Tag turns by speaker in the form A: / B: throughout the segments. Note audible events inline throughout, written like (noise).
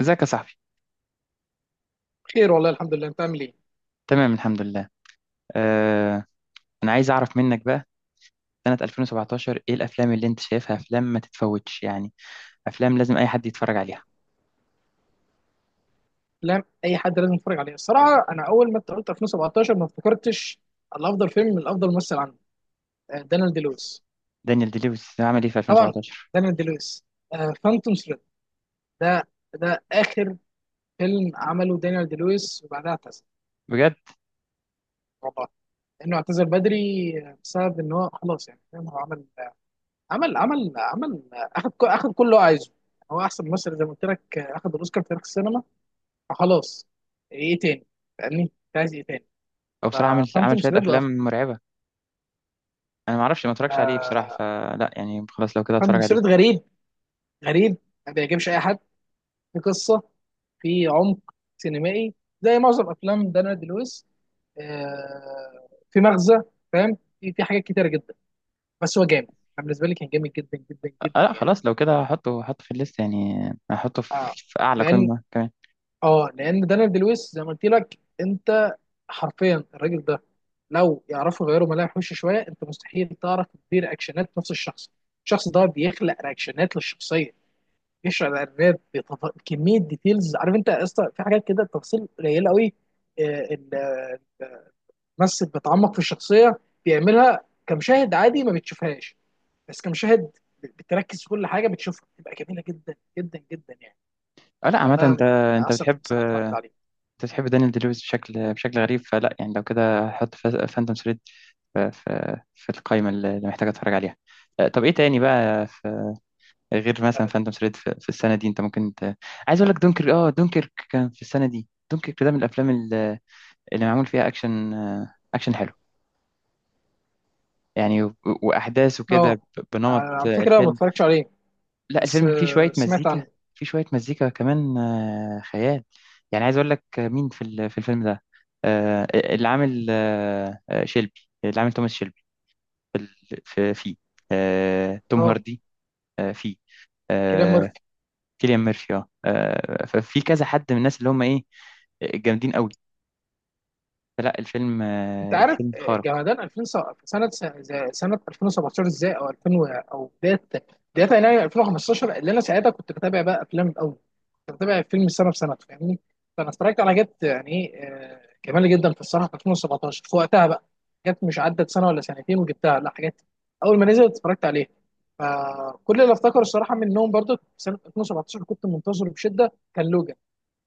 A: ازيك يا صاحبي؟
B: خير والله الحمد لله، انت عامل ايه؟
A: تمام الحمد لله. آه، انا عايز اعرف منك بقى، سنة 2017 ايه الافلام اللي انت شايفها، افلام ما تتفوتش يعني، افلام لازم اي حد يتفرج عليها.
B: افلام اي حد لازم يتفرج عليها. الصراحه انا اول ما انت قلت 2017 ما افتكرتش الافضل فيلم من الافضل ممثل عنه. آه، دانيال دي لويس.
A: دانيال دي لويس عمل ايه في
B: طبعا.
A: 2017؟
B: دانيال دي لويس فانتوم ثريد. ده ده اخر فيلم عمله دانيال دي لويس وبعدها اعتزل.
A: بجد؟
B: والله انه اعتزل بدري. بسبب ان هو خلاص، يعني فاهم. هو عمل آه، عمل عمل عمل آه، اخد كل اللي هو عايزه. هو احسن ممثل زي ما قلت لك، اخد الاوسكار في تاريخ السينما. فخلاص. ايه تاني؟ فاهمني؟ انت عايز ايه تاني؟
A: هو بصراحة عمل
B: ففانتوم
A: شوية
B: ثريد بقى.
A: افلام مرعبة. انا ما اعرفش، ما اتفرجش عليه بصراحة،
B: آه
A: فلا يعني خلاص لو كده
B: فانتوم
A: اتفرج عليه.
B: ثريد غريب. غريب. ما بيعجبش اي حد. في قصه، في عمق سينمائي زي معظم افلام دانا دي لويس. في مغزى، فاهم. في حاجات كتيره جدا، بس هو جامد. انا بالنسبه لي كان جامد جدا جدا
A: آه
B: جدا
A: لا
B: يعني.
A: خلاص، لو كده هحطه في الليست يعني، هحطه في,
B: اه
A: في اعلى
B: لان
A: قمة كمان.
B: اه لان دانا دي لويس زي ما قلت لك انت، حرفيا الراجل ده لو يعرفوا يغيروا ملامح وشه شويه، انت مستحيل تعرف تدير رياكشنات نفس الشخص. الشخص ده بيخلق رياكشنات للشخصيه، بيشرح الراب كميه ديتيلز، عارف انت يا اسطى في حاجات كده تفاصيل قليله قوي. آه، ال- الممثل بيتعمق في الشخصيه، بيعملها كمشاهد عادي ما بتشوفهاش. بس كمشاهد بتركز في كل حاجه بتشوفها بتبقى جميله جدا جدا جدا يعني.
A: آه لا عامة
B: فده
A: انت،
B: من
A: انت
B: احسن
A: بتحب
B: فيلم صراحه اتفرجت عليه.
A: انت تحب دانيال دي لويس بشكل غريب، فلا يعني لو كده حط فانتوم ثريد في القائمة اللي محتاج اتفرج عليها. طب ايه تاني بقى، في غير مثلا فانتوم ثريد في السنة دي؟ انت ممكن عايز اقول لك دونكر، دونكر كان في السنة دي، دونكر ده من الافلام اللي معمول فيها اكشن، اكشن حلو يعني، واحداث وكده،
B: اه
A: بنمط
B: على فكره ما
A: الفيلم.
B: اتفرجتش عليه،
A: لا
B: بس
A: الفيلم فيه شوية
B: سمعت
A: مزيكا،
B: عنه.
A: فيه شوية مزيكا كمان، خيال. يعني عايز أقول لك مين في في الفيلم ده. اللي عامل شيلبي، اللي عامل توماس شيلبي في فيه توم
B: اه
A: هاردي. فيه
B: كلام.
A: آه، كيليان ميرفي. ففي كذا حد من الناس اللي هم ايه، جامدين قوي. فلا الفيلم،
B: انت عارف
A: الفيلم خارق.
B: جمادان 2000 سنه 2017 ازاي، او 2000 او بدايه يناير 2015 اللي انا ساعتها كنت بتابع بقى افلام. الاول كنت بتابع فيلم سنه بسنه، فاهمني. فانا اتفرجت على جت، يعني ايه، جمال جدا في الصراحه في 2017 في وقتها بقى. جت مش عدت سنه ولا سنتين وجبتها، لا، حاجات اول ما نزلت اتفرجت عليها. فكل اللي افتكره الصراحه منهم برضو في سنه 2017 كنت منتظره بشده كان لوجان،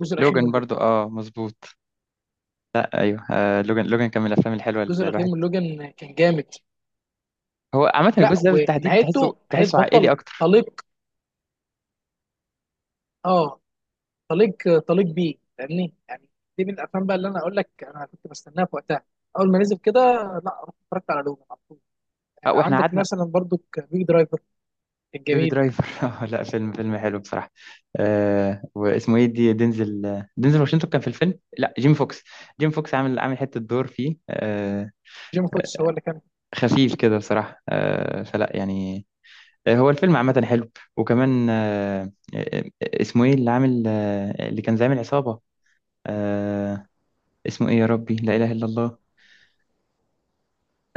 B: الجزء الاخير من
A: لوجان
B: لوجان.
A: برضو اه مظبوط، ايوه. آه لوجان كان من الافلام الحلوه الواحد.
B: كان جامد.
A: هو عامه
B: لا
A: الجزء ده بالتحديد تحسه
B: ونهايته نهايه
A: تحسه عائلي
B: بطل
A: اكتر.
B: طليق اه طليق طليق بيه، فاهمني يعني. دي من الافلام بقى اللي انا اقول لك انا كنت بستناها في وقتها. اول ما نزل كده لا رحت اتفرجت على لوجان على طول.
A: واحنا
B: عندك
A: قعدنا
B: مثلا برضو بيج درايفر، كان
A: بيبي
B: جميل.
A: درايفر. (laughs) لا فيلم حلو بصراحة. آه واسمه ايه دي، دينزل واشنطن كان في الفيلم، لا جيم فوكس. جيم فوكس عامل حتة دور فيه،
B: جيم فوكس هو اللي كان
A: خفيف كده بصراحة، فلا يعني. هو الفيلم عامة حلو. وكمان اسمه ايه اللي عامل، اللي كان زعيم العصابة. آه اسمه ايه يا ربي، لا إله إلا الله،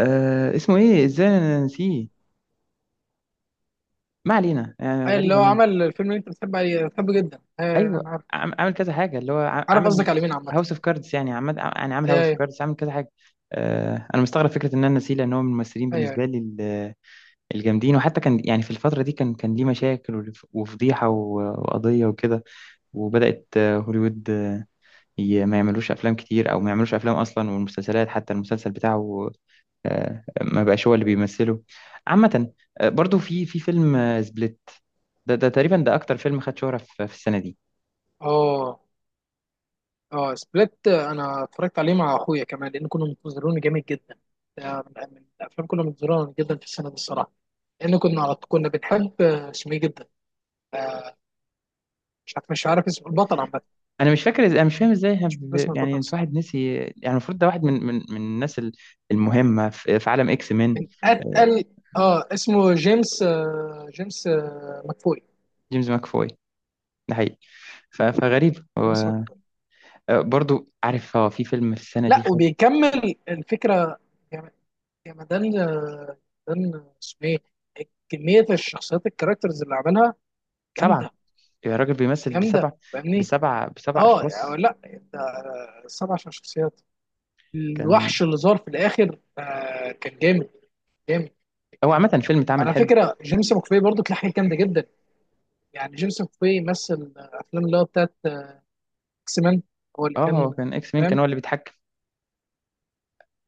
A: آه اسمه ايه، ازاي أنا نسيه؟ ما علينا يعني،
B: اللي
A: غريبة.
B: هو عمل الفيلم اللي انت بتحب عليه، بتحبه جدا. آه،
A: ايوه،
B: انا عارف.
A: عامل كذا حاجه، اللي هو
B: عارف قصدك
A: عامل
B: على مين عامه.
A: هاوس اوف كاردز يعني، عمال يعني عامل هاوس اوف
B: ايوه
A: كاردز، عامل كذا حاجه. آه انا مستغرب فكره ان انا نسيه، لان هو من الممثلين
B: ايوه ايوه،
A: بالنسبه
B: أي.
A: لي الجامدين. وحتى كان يعني في الفتره دي كان ليه مشاكل، وفضيحه، وقضيه وكده. وبدات هوليوود، ما يعملوش افلام كتير، او ما يعملوش افلام اصلا. والمسلسلات، حتى المسلسل بتاعه، ما بقاش هو اللي بيمثله عامه. برضو في فيلم سبليت. ده تقريبا ده اكتر فيلم خد شهره في السنه دي.
B: اه اه سبليت. انا اتفرجت عليه مع اخويا كمان لان كنا منتظرونه جامد جدا. ده من الافلام كنا منتظرونه جدا في السنه دي الصراحه. لان كنا بنحب اسمه ايه جدا. آه، مش عارف اسم البطل، عامه
A: انا مش فاكر، انا مش فاهم ازاي إحنا،
B: مش فاكر اسم
A: يعني
B: البطل
A: انت
B: الصراحه.
A: واحد نسي يعني، المفروض ده واحد من الناس المهمه في عالم اكس مان،
B: من
A: آه،
B: اتقل. اه اسمه جيمس، جيمس مكفوي.
A: جيمس ماكفوي. ده حقيقي. فغريب
B: جيمس
A: هو.
B: مكفوي.
A: برضو عارف هو في فيلم في السنه دي
B: لا
A: خد
B: وبيكمل الفكره. يا يا مدام اسمه ايه. كميه الشخصيات، الكاركترز اللي عملها
A: سبعه.
B: جامده
A: يا راجل بيمثل بسبع
B: جامده، فاهمني.
A: بسبع بسبع
B: اه يعني،
A: اشخاص.
B: لا انت، سبع شخصيات.
A: كان
B: الوحش اللي ظهر في الاخر كان جامد جامد.
A: هو عامه الفيلم اتعمل
B: على
A: حلو.
B: فكره جيمس مكفي برضه كان حاجه جامده جدا. يعني جيمس مكفي مثل افلام اللي هو بتاعت اكس مان. هو اللي
A: اه هو
B: كان،
A: كان اكس مان، كان
B: فاهم.
A: هو اللي بيتحكم.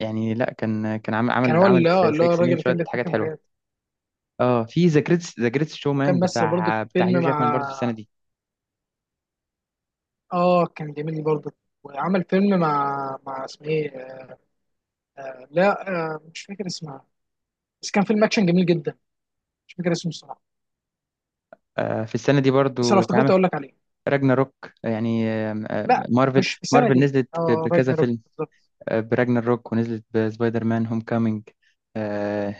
A: يعني لا كان عامل
B: كان
A: عامل
B: هو
A: عامل
B: اللي هو
A: في
B: اللي هو
A: اكس
B: الراجل
A: مان
B: اللي كان
A: شويه حاجات
B: بيتحكم في
A: حلوه.
B: حياته.
A: اه في ذا جريتس شو مان،
B: وكان مثل برضه
A: بتاع هيو
B: فيلم
A: جاكمان
B: مع،
A: برضو في السنه دي.
B: اه، كان جميل برضه. وعمل فيلم مع اسمه ايه. لا، مش فاكر اسمها، بس كان فيلم اكشن جميل جدا. مش فاكر اسمه الصراحه،
A: في السنة دي
B: بس لو
A: برضو
B: افتكرت
A: اتعمل
B: اقول لك عليه.
A: راجنا روك يعني، آم، آم،
B: لا
A: مارفل.
B: مش في السنه
A: مارفل
B: دي،
A: نزلت
B: اه،
A: بكذا
B: راجناروك
A: فيلم،
B: بالظبط.
A: براجنا روك ونزلت بسبايدر مان هوم كامينج.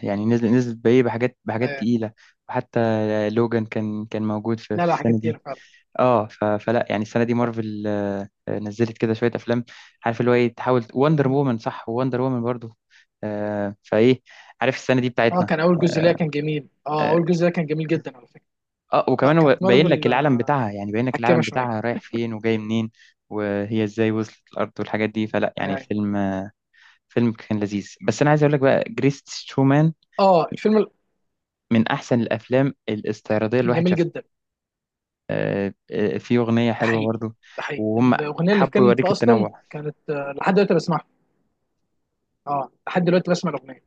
A: يعني نزلت بإيه، بحاجات
B: آه
A: تقيلة. وحتى لوجان كان موجود في
B: لا،
A: في
B: لا، حاجات
A: السنة
B: كتير
A: دي.
B: فعلا.
A: اه فلا يعني السنة دي مارفل نزلت كده شوية أفلام. عارف اللي هو إيه، تحاول وندر وومن. صح؟ وندر وومن برضو. فإيه، عارف السنة دي
B: اه
A: بتاعتنا.
B: كان اول جزء ليا
A: آه،
B: كان جميل. اه
A: آه،
B: اول جزء ليا كان جميل جدا على فكرة.
A: اه
B: لا
A: وكمان
B: كانت
A: هو باين
B: مارفل
A: لك العالم بتاعها يعني، باين لك
B: حكامه
A: العالم
B: شويه.
A: بتاعها رايح فين وجاي منين، وهي ازاي وصلت الارض والحاجات دي. فلا يعني
B: ايوه ايوه.
A: الفيلم، كان لذيذ. بس انا عايز اقول لك بقى جريس شومان،
B: اه الفيلم
A: من احسن الافلام الاستعراضيه اللي
B: كان
A: الواحد
B: جميل
A: شافها.
B: جدا.
A: في اغنيه
B: ده
A: حلوه
B: حقيقي.
A: برضو،
B: ده حقيقي،
A: وهم
B: الاغنيه اللي
A: حبوا
B: كانت
A: يوريك
B: فيه اصلا
A: التنوع.
B: كانت، لحد دلوقتي بسمعها. اه لحد دلوقتي بسمع الاغنيه،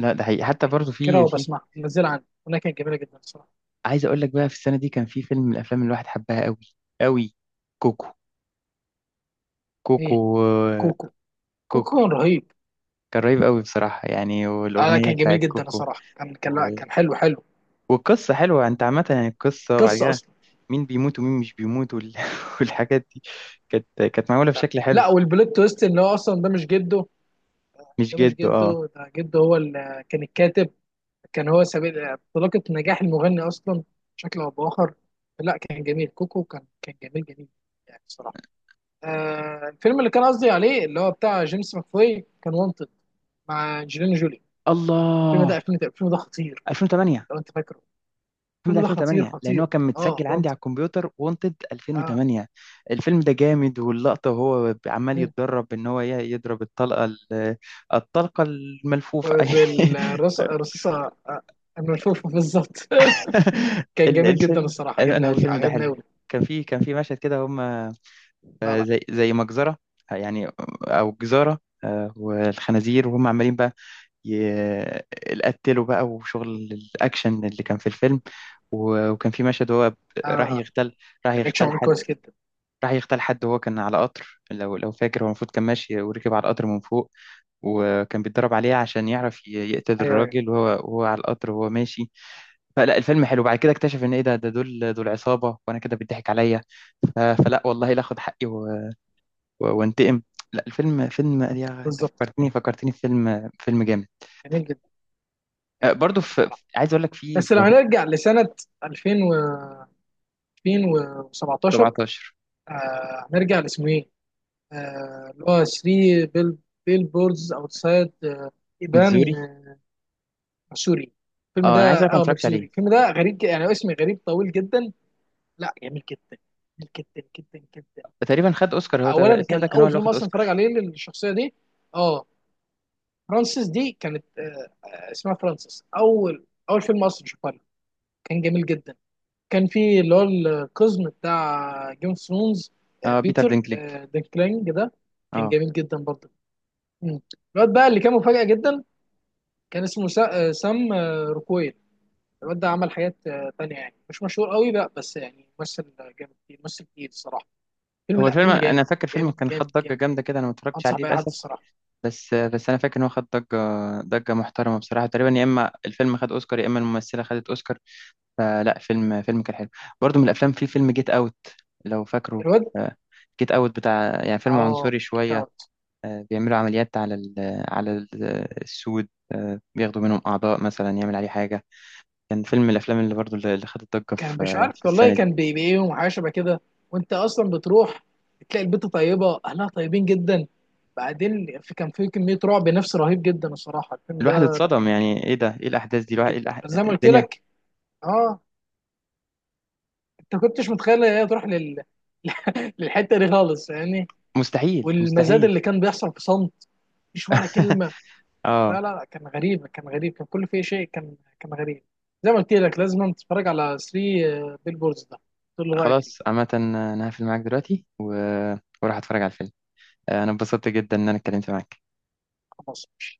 A: لا ده حقيقي، حتى
B: يعني
A: برضو
B: فاكرها
A: في
B: وبسمعها منزلها عندي. الاغنيه كانت جميله جدا الصراحه.
A: عايز اقول لك بقى في السنه دي كان في فيلم من الافلام اللي الواحد حبها قوي قوي، كوكو.
B: ايه؟
A: كوكو
B: كوكو. كوكو
A: كوكو
B: كان رهيب.
A: كان رهيب قوي بصراحه يعني، والاغنيه
B: كان جميل
A: بتاعت
B: جدا
A: كوكو.
B: الصراحه. كان لا كان حلو حلو.
A: والقصة حلوة انت، عامة يعني القصة، وبعد
B: قصه
A: كده
B: اصلا.
A: مين بيموت ومين مش بيموت (laughs) والحاجات دي كانت كانت معمولة
B: لا،
A: بشكل حلو.
B: لا، والبلوت تويست ان هو اصلا ده مش جده.
A: مش
B: ده مش
A: جد. اه
B: جده. ده جده هو اللي كان الكاتب. كان هو سبيل انطلاقة نجاح المغني أصلا، بشكل أو بآخر. لا كان جميل، كوكو كان جميل جميل يعني الصراحة. الفيلم اللي كان قصدي عليه اللي هو بتاع جيمس ماكفوي كان وانتد مع أنجلينا جولي. الفيلم ده
A: الله.
B: 2000، الفيلم ده خطير.
A: 2008.
B: لو أنت فاكره.
A: الفيلم ده
B: الفيلم ده خطير
A: 2008، لان هو
B: خطير.
A: كان
B: أه،
A: متسجل عندي على
B: وانتد.
A: الكمبيوتر، وانتد
B: أه
A: 2008. الفيلم ده جامد، واللقطة وهو عمال يتدرب ان هو يضرب الطلقة الطلقة الملفوفة. (laughs)
B: بالرصاصة، الملفوفة بالظبط. (laughs) كان جميل جدا
A: الفيلم،
B: الصراحة، عجبني
A: انا
B: أوي
A: الفيلم ده
B: عجبني
A: حلو.
B: أوي.
A: كان في مشهد كده هم
B: لا لا،
A: زي مجزرة، يعني أو جزارة، والخنازير وهم عمالين بقى يقتلوا بقى، وشغل الأكشن اللي كان في الفيلم. وكان في مشهد هو راح
B: آه
A: يغتال راح
B: كان أكشن
A: يغتال
B: عمل
A: حد
B: كويس جدا.
A: راح يغتال حد، وهو كان على قطر. لو فاكر، هو المفروض كان ماشي وركب على القطر من فوق، وكان بيتدرب عليه عشان يعرف يقتل
B: أيوه أيوه
A: الراجل وهو على القطر وهو ماشي. فلا الفيلم حلو، بعد كده اكتشف ان ايه ده دول عصابة، وانا كده بيضحك عليا. فلا والله لا اخد حقي وانتقم. لا الفيلم فيلم، يا انت
B: بالظبط.
A: فكرتني في فيلم جامد.
B: جميل جدا، جميل
A: برضو
B: جدا الصراحة.
A: عايز اقول لك في
B: بس
A: في
B: لو هنرجع لسنة 2000 و 2017.
A: 17
B: هنرجع لاسمه ايه؟ اللي هو 3 بيل بوردز اوتسايد ايبان،
A: متزوري.
B: ماسوري، الفيلم
A: اه
B: ده.
A: انا عايز اقول لك ما
B: اه
A: اتفرجتش
B: ماتزوري،
A: عليه.
B: الفيلم ده غريب، يعني اسم غريب طويل جدا. لا جميل جدا، جميل جدا جدا جدا.
A: تقريبا خد اوسكار، هو
B: اولا
A: الفيلم ده
B: كان
A: كان هو
B: اول
A: اللي
B: فيلم
A: واخد
B: اصلا اتفرج
A: اوسكار.
B: عليه للشخصية دي. اه فرانسيس دي كانت، اسمها فرانسيس. اول فيلم اصلا شفتها له. كان جميل جدا. كان في اللي هو القزم بتاع جيم اوف ثرونز،
A: اه بيتر
B: بيتر
A: دينكليج.
B: دينكلينج ده. كان
A: اه
B: جميل جدا برضه. مم. الواد بقى اللي كان مفاجأة جدا كان اسمه سام روكويل. الواد ده عمل حاجات تانية، يعني مش مشهور قوي بقى بس يعني ممثل جامد كتير، ممثل كتير الصراحة. فيلم،
A: هو
B: لا
A: الفيلم،
B: فيلم
A: انا
B: جامد
A: فاكر فيلم
B: جامد
A: كان
B: جامد
A: خد ضجه
B: جامد
A: جامده
B: يعني.
A: كده، انا ما اتفرجتش
B: أنصح
A: عليه
B: بأي حد
A: للاسف،
B: الصراحة.
A: بس بس انا فاكر ان هو خد ضجه، ضجه محترمه بصراحه. تقريبا يا اما الفيلم خد اوسكار، يا اما الممثله خدت اوسكار. فلا فيلم كان حلو. برضو من الافلام، في
B: مم.
A: فيلم جيت اوت، لو فاكره.
B: الواد،
A: جيت اوت بتاع يعني فيلم
B: اه
A: عنصري
B: انت
A: شويه، بيعملوا عمليات على السود، بياخدوا منهم اعضاء مثلا يعمل عليه حاجه. كان فيلم من الافلام اللي برضو اللي خدت ضجه
B: كان مش عارف
A: في
B: والله،
A: السنه دي.
B: كان بيبيعيهم وحاجه شبه كده. وانت اصلا بتروح تلاقي البيت طيبه، اهلها طيبين جدا. بعدين كان في كميه رعب نفسي رهيب جدا الصراحه الفيلم
A: الواحد
B: ده، لا
A: اتصدم،
B: جميل
A: يعني
B: جدا.
A: ايه ده؟ ايه الاحداث دي؟
B: جميل
A: الواحد إيه
B: جدا بس زي ما قلت
A: الدنيا.
B: لك، اه انت كنتش متخيل ان هي تروح (laughs) للحته دي خالص يعني.
A: مستحيل
B: والمزاد اللي
A: مستحيل.
B: كان بيحصل في صمت، مفيش ولا كلمه.
A: (laughs) اه
B: لا، لا، كان غريب، كان غريب، كان كل فيه شيء كان غريب. زي ما قلت لك لازم تتفرج على 3 بيل بوردز ده، تقول لي رايك فيه.
A: خلاص، عامه انا هقفل معاك دلوقتي وراح اتفرج على الفيلم. انا اتبسطت جدا ان انا اتكلمت معاك.
B: خلاص